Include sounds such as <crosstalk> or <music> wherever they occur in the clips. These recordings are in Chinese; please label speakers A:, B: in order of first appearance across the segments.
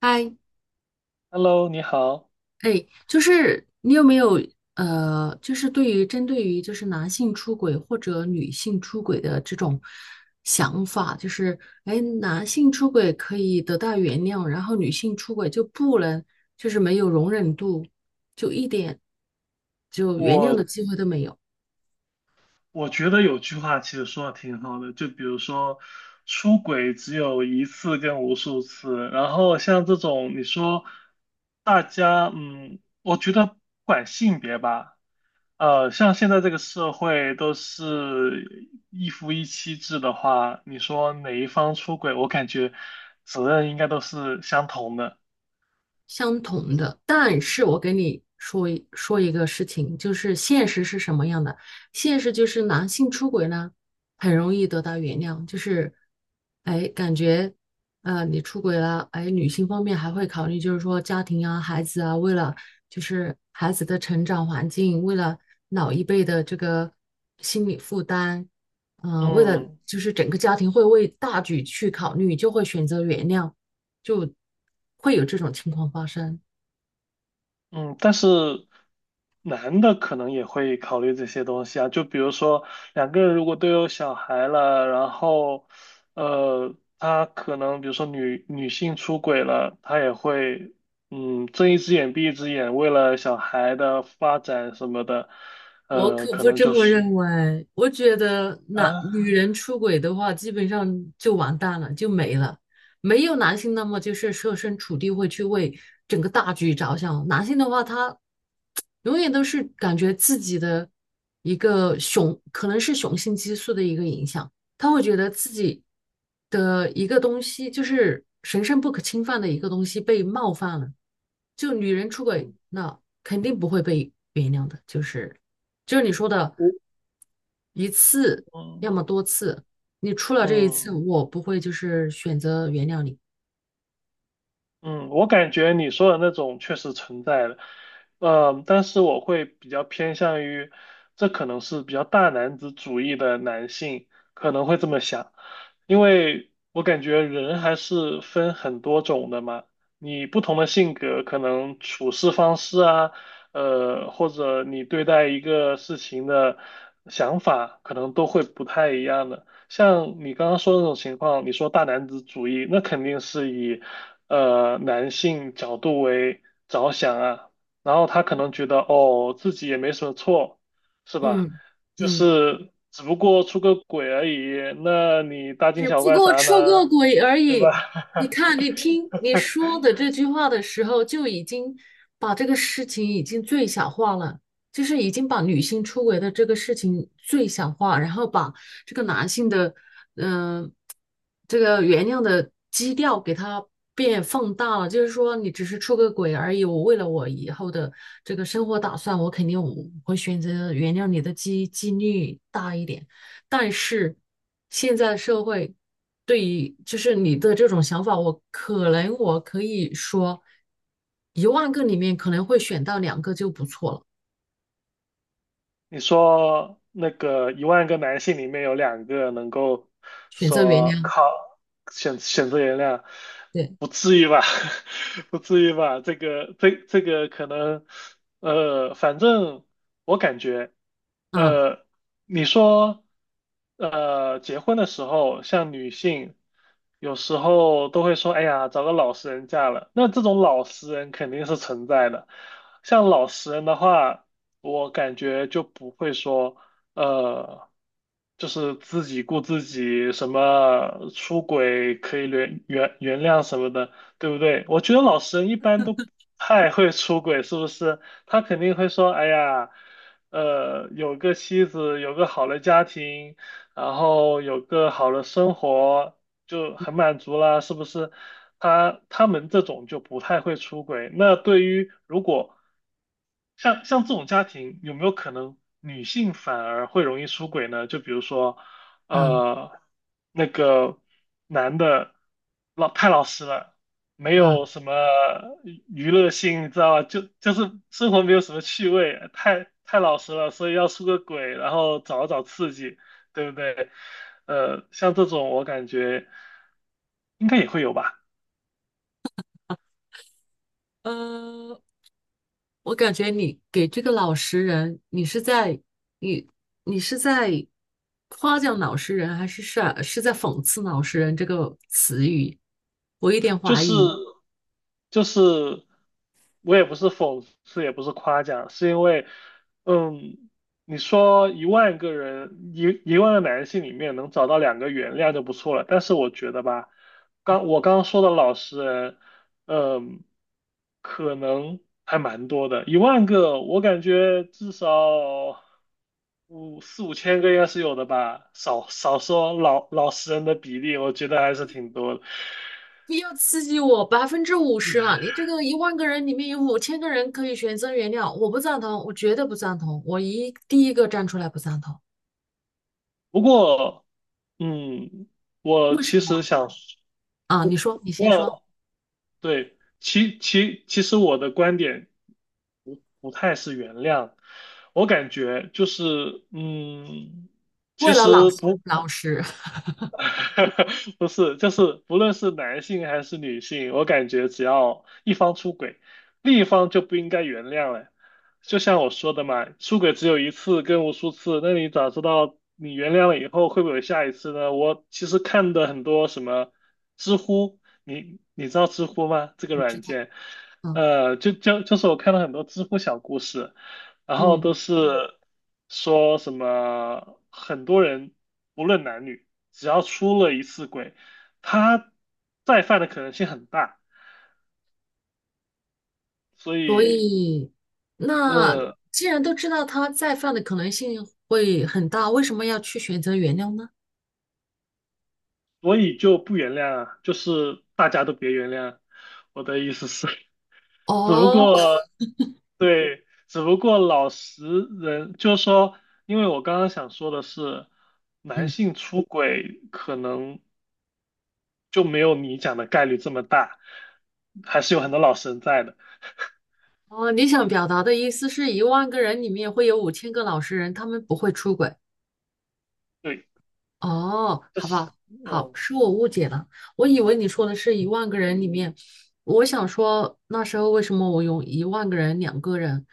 A: 嗨，
B: Hello，你好。
A: 哎，就是你有没有就是针对于就是男性出轨或者女性出轨的这种想法，就是哎，男性出轨可以得到原谅，然后女性出轨就不能，就是没有容忍度，就一点就原谅的
B: 我
A: 机会都没有。
B: 我觉得有句话其实说的挺好的，就比如说出轨只有一次跟无数次，然后像这种你说大家，我觉得不管性别吧，像现在这个社会都是一夫一妻制的话，你说哪一方出轨，我感觉责任应该都是相同的。
A: 相同的，但是我给你说一说一个事情，就是现实是什么样的？现实就是男性出轨呢，很容易得到原谅，就是，哎，感觉，你出轨了，哎，女性方面还会考虑，就是说家庭啊、孩子啊，为了就是孩子的成长环境，为了老一辈的这个心理负担，为了
B: 嗯。
A: 就是整个家庭会为大局去考虑，就会选择原谅。就会有这种情况发生。
B: 嗯，但是男的可能也会考虑这些东西啊，就比如说两个人如果都有小孩了，然后他可能比如说女性出轨了，他也会睁一只眼闭一只眼，为了小孩的发展什么的，
A: 我可
B: 可
A: 不
B: 能
A: 这
B: 就
A: 么
B: 是
A: 认为，我觉得男
B: 啊，
A: 女人出轨的话，基本上就完蛋了，就没了。没有男性那么就是设身处地会去为整个大局着想，男性的话他永远都是感觉自己的一个雄，可能是雄性激素的一个影响，他会觉得自己的一个东西，就是神圣不可侵犯的一个东西被冒犯了。就女人出轨，
B: 嗯，
A: 那肯定不会被原谅的，就是你说的
B: 我
A: 一次，要
B: 嗯
A: 么多次，你出了这一次，
B: 嗯。
A: 我不会就是选择原谅你。
B: 嗯，我感觉你说的那种确实存在的，但是我会比较偏向于，这可能是比较大男子主义的男性可能会这么想，因为我感觉人还是分很多种的嘛，你不同的性格可能处事方式啊，或者你对待一个事情的想法可能都会不太一样的。像你刚刚说的那种情况，你说大男子主义，那肯定是以男性角度为着想啊，然后他可能觉得哦自己也没什么错，是吧？
A: 嗯
B: 就
A: 嗯。
B: 是只不过出个轨而已，那你大惊
A: 只
B: 小
A: 不
B: 怪
A: 过
B: 啥呢？
A: 出过轨而
B: 对吧？
A: 已。你看，你
B: <laughs>
A: 听你说的这句话的时候，就已经把这个事情已经最小化了，就是已经把女性出轨的这个事情最小化，然后把这个男性的，嗯、这个原谅的基调给它变放大了。就是说，你只是出个轨而已，我为了我以后的这个生活打算，我肯定会选择原谅你的几率大一点。但是现在的社会对于就是你的这种想法，我可能我可以说，一万个里面可能会选到两个就不错了，
B: 你说那个一万个男性里面有两个能够
A: 选择原
B: 说
A: 谅。
B: 靠选择原谅，
A: 对，
B: 不至于吧？<laughs> 不至于吧？这个可能，反正我感觉，
A: 嗯
B: 呃，你说，结婚的时候，像女性有时候都会说，哎呀，找个老实人嫁了，那这种老实人肯定是存在的。像老实人的话，我感觉就不会说，呃，就是自己顾自己，什么出轨可以原谅什么的，对不对？我觉得老实人一般都不太会出轨，是不是？他肯定会说，哎呀，有个妻子，有个好的家庭，然后有个好的生活。就很满足啦，是不是？他们这种就不太会出轨。那对于如果像这种家庭，有没有可能女性反而会容易出轨呢？就比如说，
A: 嗯
B: 呃，那个男的太老实了，没
A: 嗯
B: 有什么娱乐性，你知道吧？就是生活没有什么趣味，太老实了，所以要出个轨，然后找找刺激。对不对？像这种我感觉应该也会有吧。
A: 呃，我感觉你给这个老实人，你是在夸奖老实人，还是在讽刺老实人这个词语？我有点
B: 就
A: 怀
B: 是
A: 疑。
B: 就是，我也不是讽刺，也不是夸奖，是因为，嗯，你说一万个人，一万个男性里面能找到两个原谅就不错了。但是我觉得吧，我刚刚说的老实人，嗯，可能还蛮多的，一万个，我感觉至少五千个应该是有的吧，少说老实人的比例，我觉得还是挺多的。
A: 不要刺激我，50%啊！你这个一万个人里面有5000个人可以选择原谅，我不赞同，我绝对不赞同，我第一个站出来不赞同。
B: 不过嗯，我
A: 为什
B: 其实
A: 么
B: 想
A: 啊？你说，你先
B: 问，
A: 说。
B: 对，其实我的观点不太是原谅，我感觉就是，
A: 为
B: 其
A: 了
B: 实
A: 老师，
B: 不
A: 老实，
B: <laughs> 不是，就是不论是男性还是女性，我感觉只要一方出轨，另一方就不应该原谅了。就像我说的嘛，出轨只有一次跟无数次，那你咋知道你原谅了以后会不会有下一次呢？我其实看的很多什么知乎，你知道知乎吗？这个
A: 我知
B: 软
A: 道，
B: 件，
A: 嗯
B: 就是我看了很多知乎小故事。然后
A: 嗯，
B: 都是说什么很多人不论男女，只要出了一次轨，他再犯的可能性很大，所
A: 所
B: 以
A: 以那
B: 呃，
A: 既然都知道他再犯的可能性会很大，为什么要去选择原谅呢？
B: 所以就不原谅啊，就是大家都别原谅啊，我的意思是，<laughs> 只不
A: 哦，
B: 过对，只不过老实人就是说，因为我刚刚想说的是，男
A: 嗯，
B: 性出轨可能，就没有你讲的概率这么大，还是有很多老神在的。
A: 哦，你想表达的意思是一万个人里面会有五千个老实人，他们不会出轨。
B: 对，
A: 哦，
B: 这
A: 好
B: 是，
A: 吧，好，
B: 嗯，
A: 是我误解了，我以为你说的是一万个人里面，我想说那时候为什么我用一万个人、两个人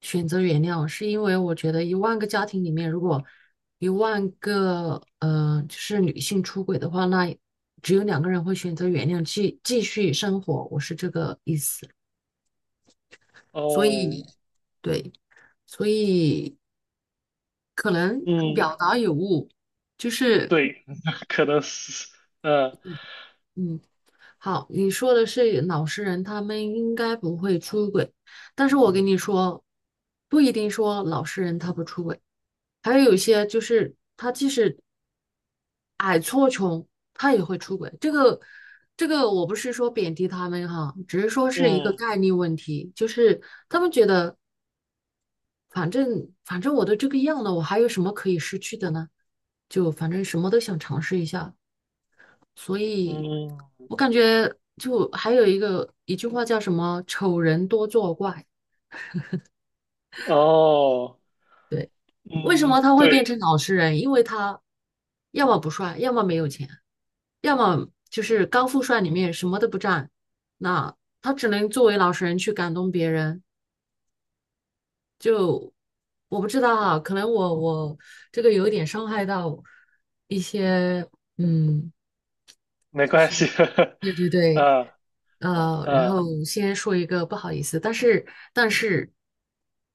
A: 选择原谅，是因为我觉得1万个家庭里面，如果一万个就是女性出轨的话，那只有两个人会选择原谅，继续生活，我是这个意思，所
B: 哦，
A: 以对，所以可能
B: 嗯，
A: 表达有误，就是
B: 对，<laughs> 可能是，嗯
A: 嗯。好，你说的是老实人，他们应该不会出轨。但是我跟你说，不一定说老实人他不出轨，还有有些就是他即使矮矬穷，他也会出轨。这个，我不是说贬低他们哈，只是说是一个
B: 嗯
A: 概率问题，就是他们觉得反正我都这个样了，我还有什么可以失去的呢？就反正什么都想尝试一下，所以
B: 嗯，
A: 我感觉就还有一句话叫什么“丑人多作怪”，
B: 哦，
A: 为什
B: 嗯，
A: 么他会
B: 对，
A: 变成老实人？因为他要么不帅，要么没有钱，要么就是高富帅里面什么都不占，那他只能作为老实人去感动别人。就我不知道啊，可能我这个有一点伤害到一些，嗯，
B: 没
A: 就
B: 关
A: 是
B: 系，<laughs>
A: 对对对，
B: 呃呃
A: 然
B: 呃，
A: 后先说一个不好意思，但是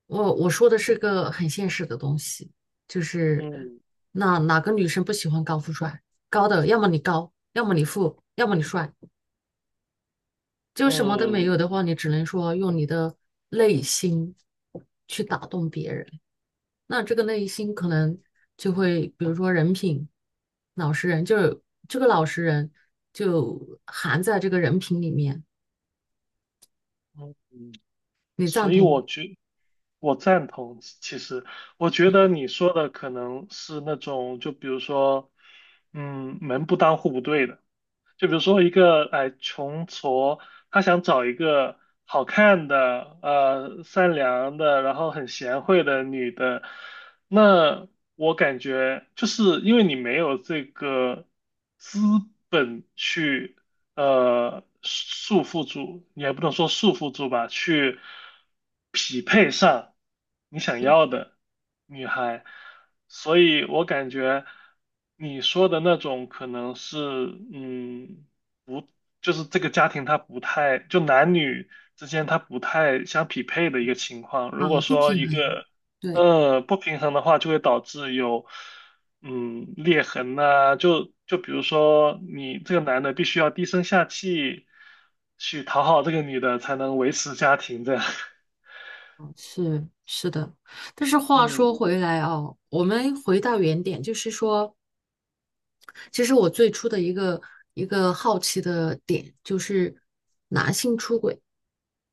A: 我说的是个很现实的东西，就是
B: 嗯
A: 那哪个女生不喜欢高富帅？高的，要么你高，要么你富，要么你帅，就什么都没
B: 嗯
A: 有的话，你只能说用你的内心去打动别人。那这个内心可
B: 嗯
A: 能就会，比如说人品、老实人，就是这个老实人就含在这个人品里面，
B: 嗯，
A: 你赞
B: 所以
A: 同吗？
B: 我觉。我赞同，其实我觉得你说的可能是那种，就比如说，门不当户不对的。就比如说一个哎穷矬，他想找一个好看的、善良的，然后很贤惠的女的，那我感觉就是因为你没有这个资本去束缚住，也不能说束缚住吧，去匹配上你想
A: 嗯
B: 要的女孩。所以我感觉你说的那种可能是，嗯。就是这个家庭它不太，就男女之间它不太相匹配的一个情况。如
A: 啊，
B: 果
A: 不
B: 说
A: 平
B: 一
A: 衡，
B: 个
A: 对，
B: 不平衡的话，就会导致有裂痕呐、就比如说你这个男的必须要低声下气去讨好这个女的才能维持家庭这样。<laughs>
A: 哦是是的。但是话
B: 嗯
A: 说回来哦，我们回到原点，就是说。其实我最初的一个好奇的点就是男性出轨，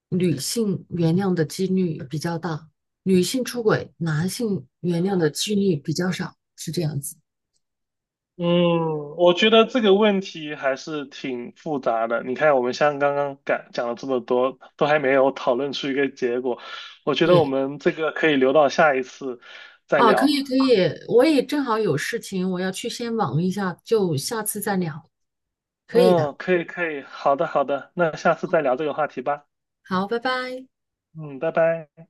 A: 女性原谅的几率比较大，女性出轨，男性原谅的几率比较少，是这样子。
B: 嗯，我觉得这个问题还是挺复杂的。你看，我们像刚刚讲了这么多，都还没有讨论出一个结果。我觉得我
A: 对，
B: 们这个可以留到下一次再
A: 啊，可以
B: 聊。
A: 可以，我也正好有事情，我要去先忙一下，就下次再聊。可以的，
B: 嗯，可以可以，好的好的，那下次再聊这个话题吧。
A: 好，拜拜。
B: 嗯，拜拜。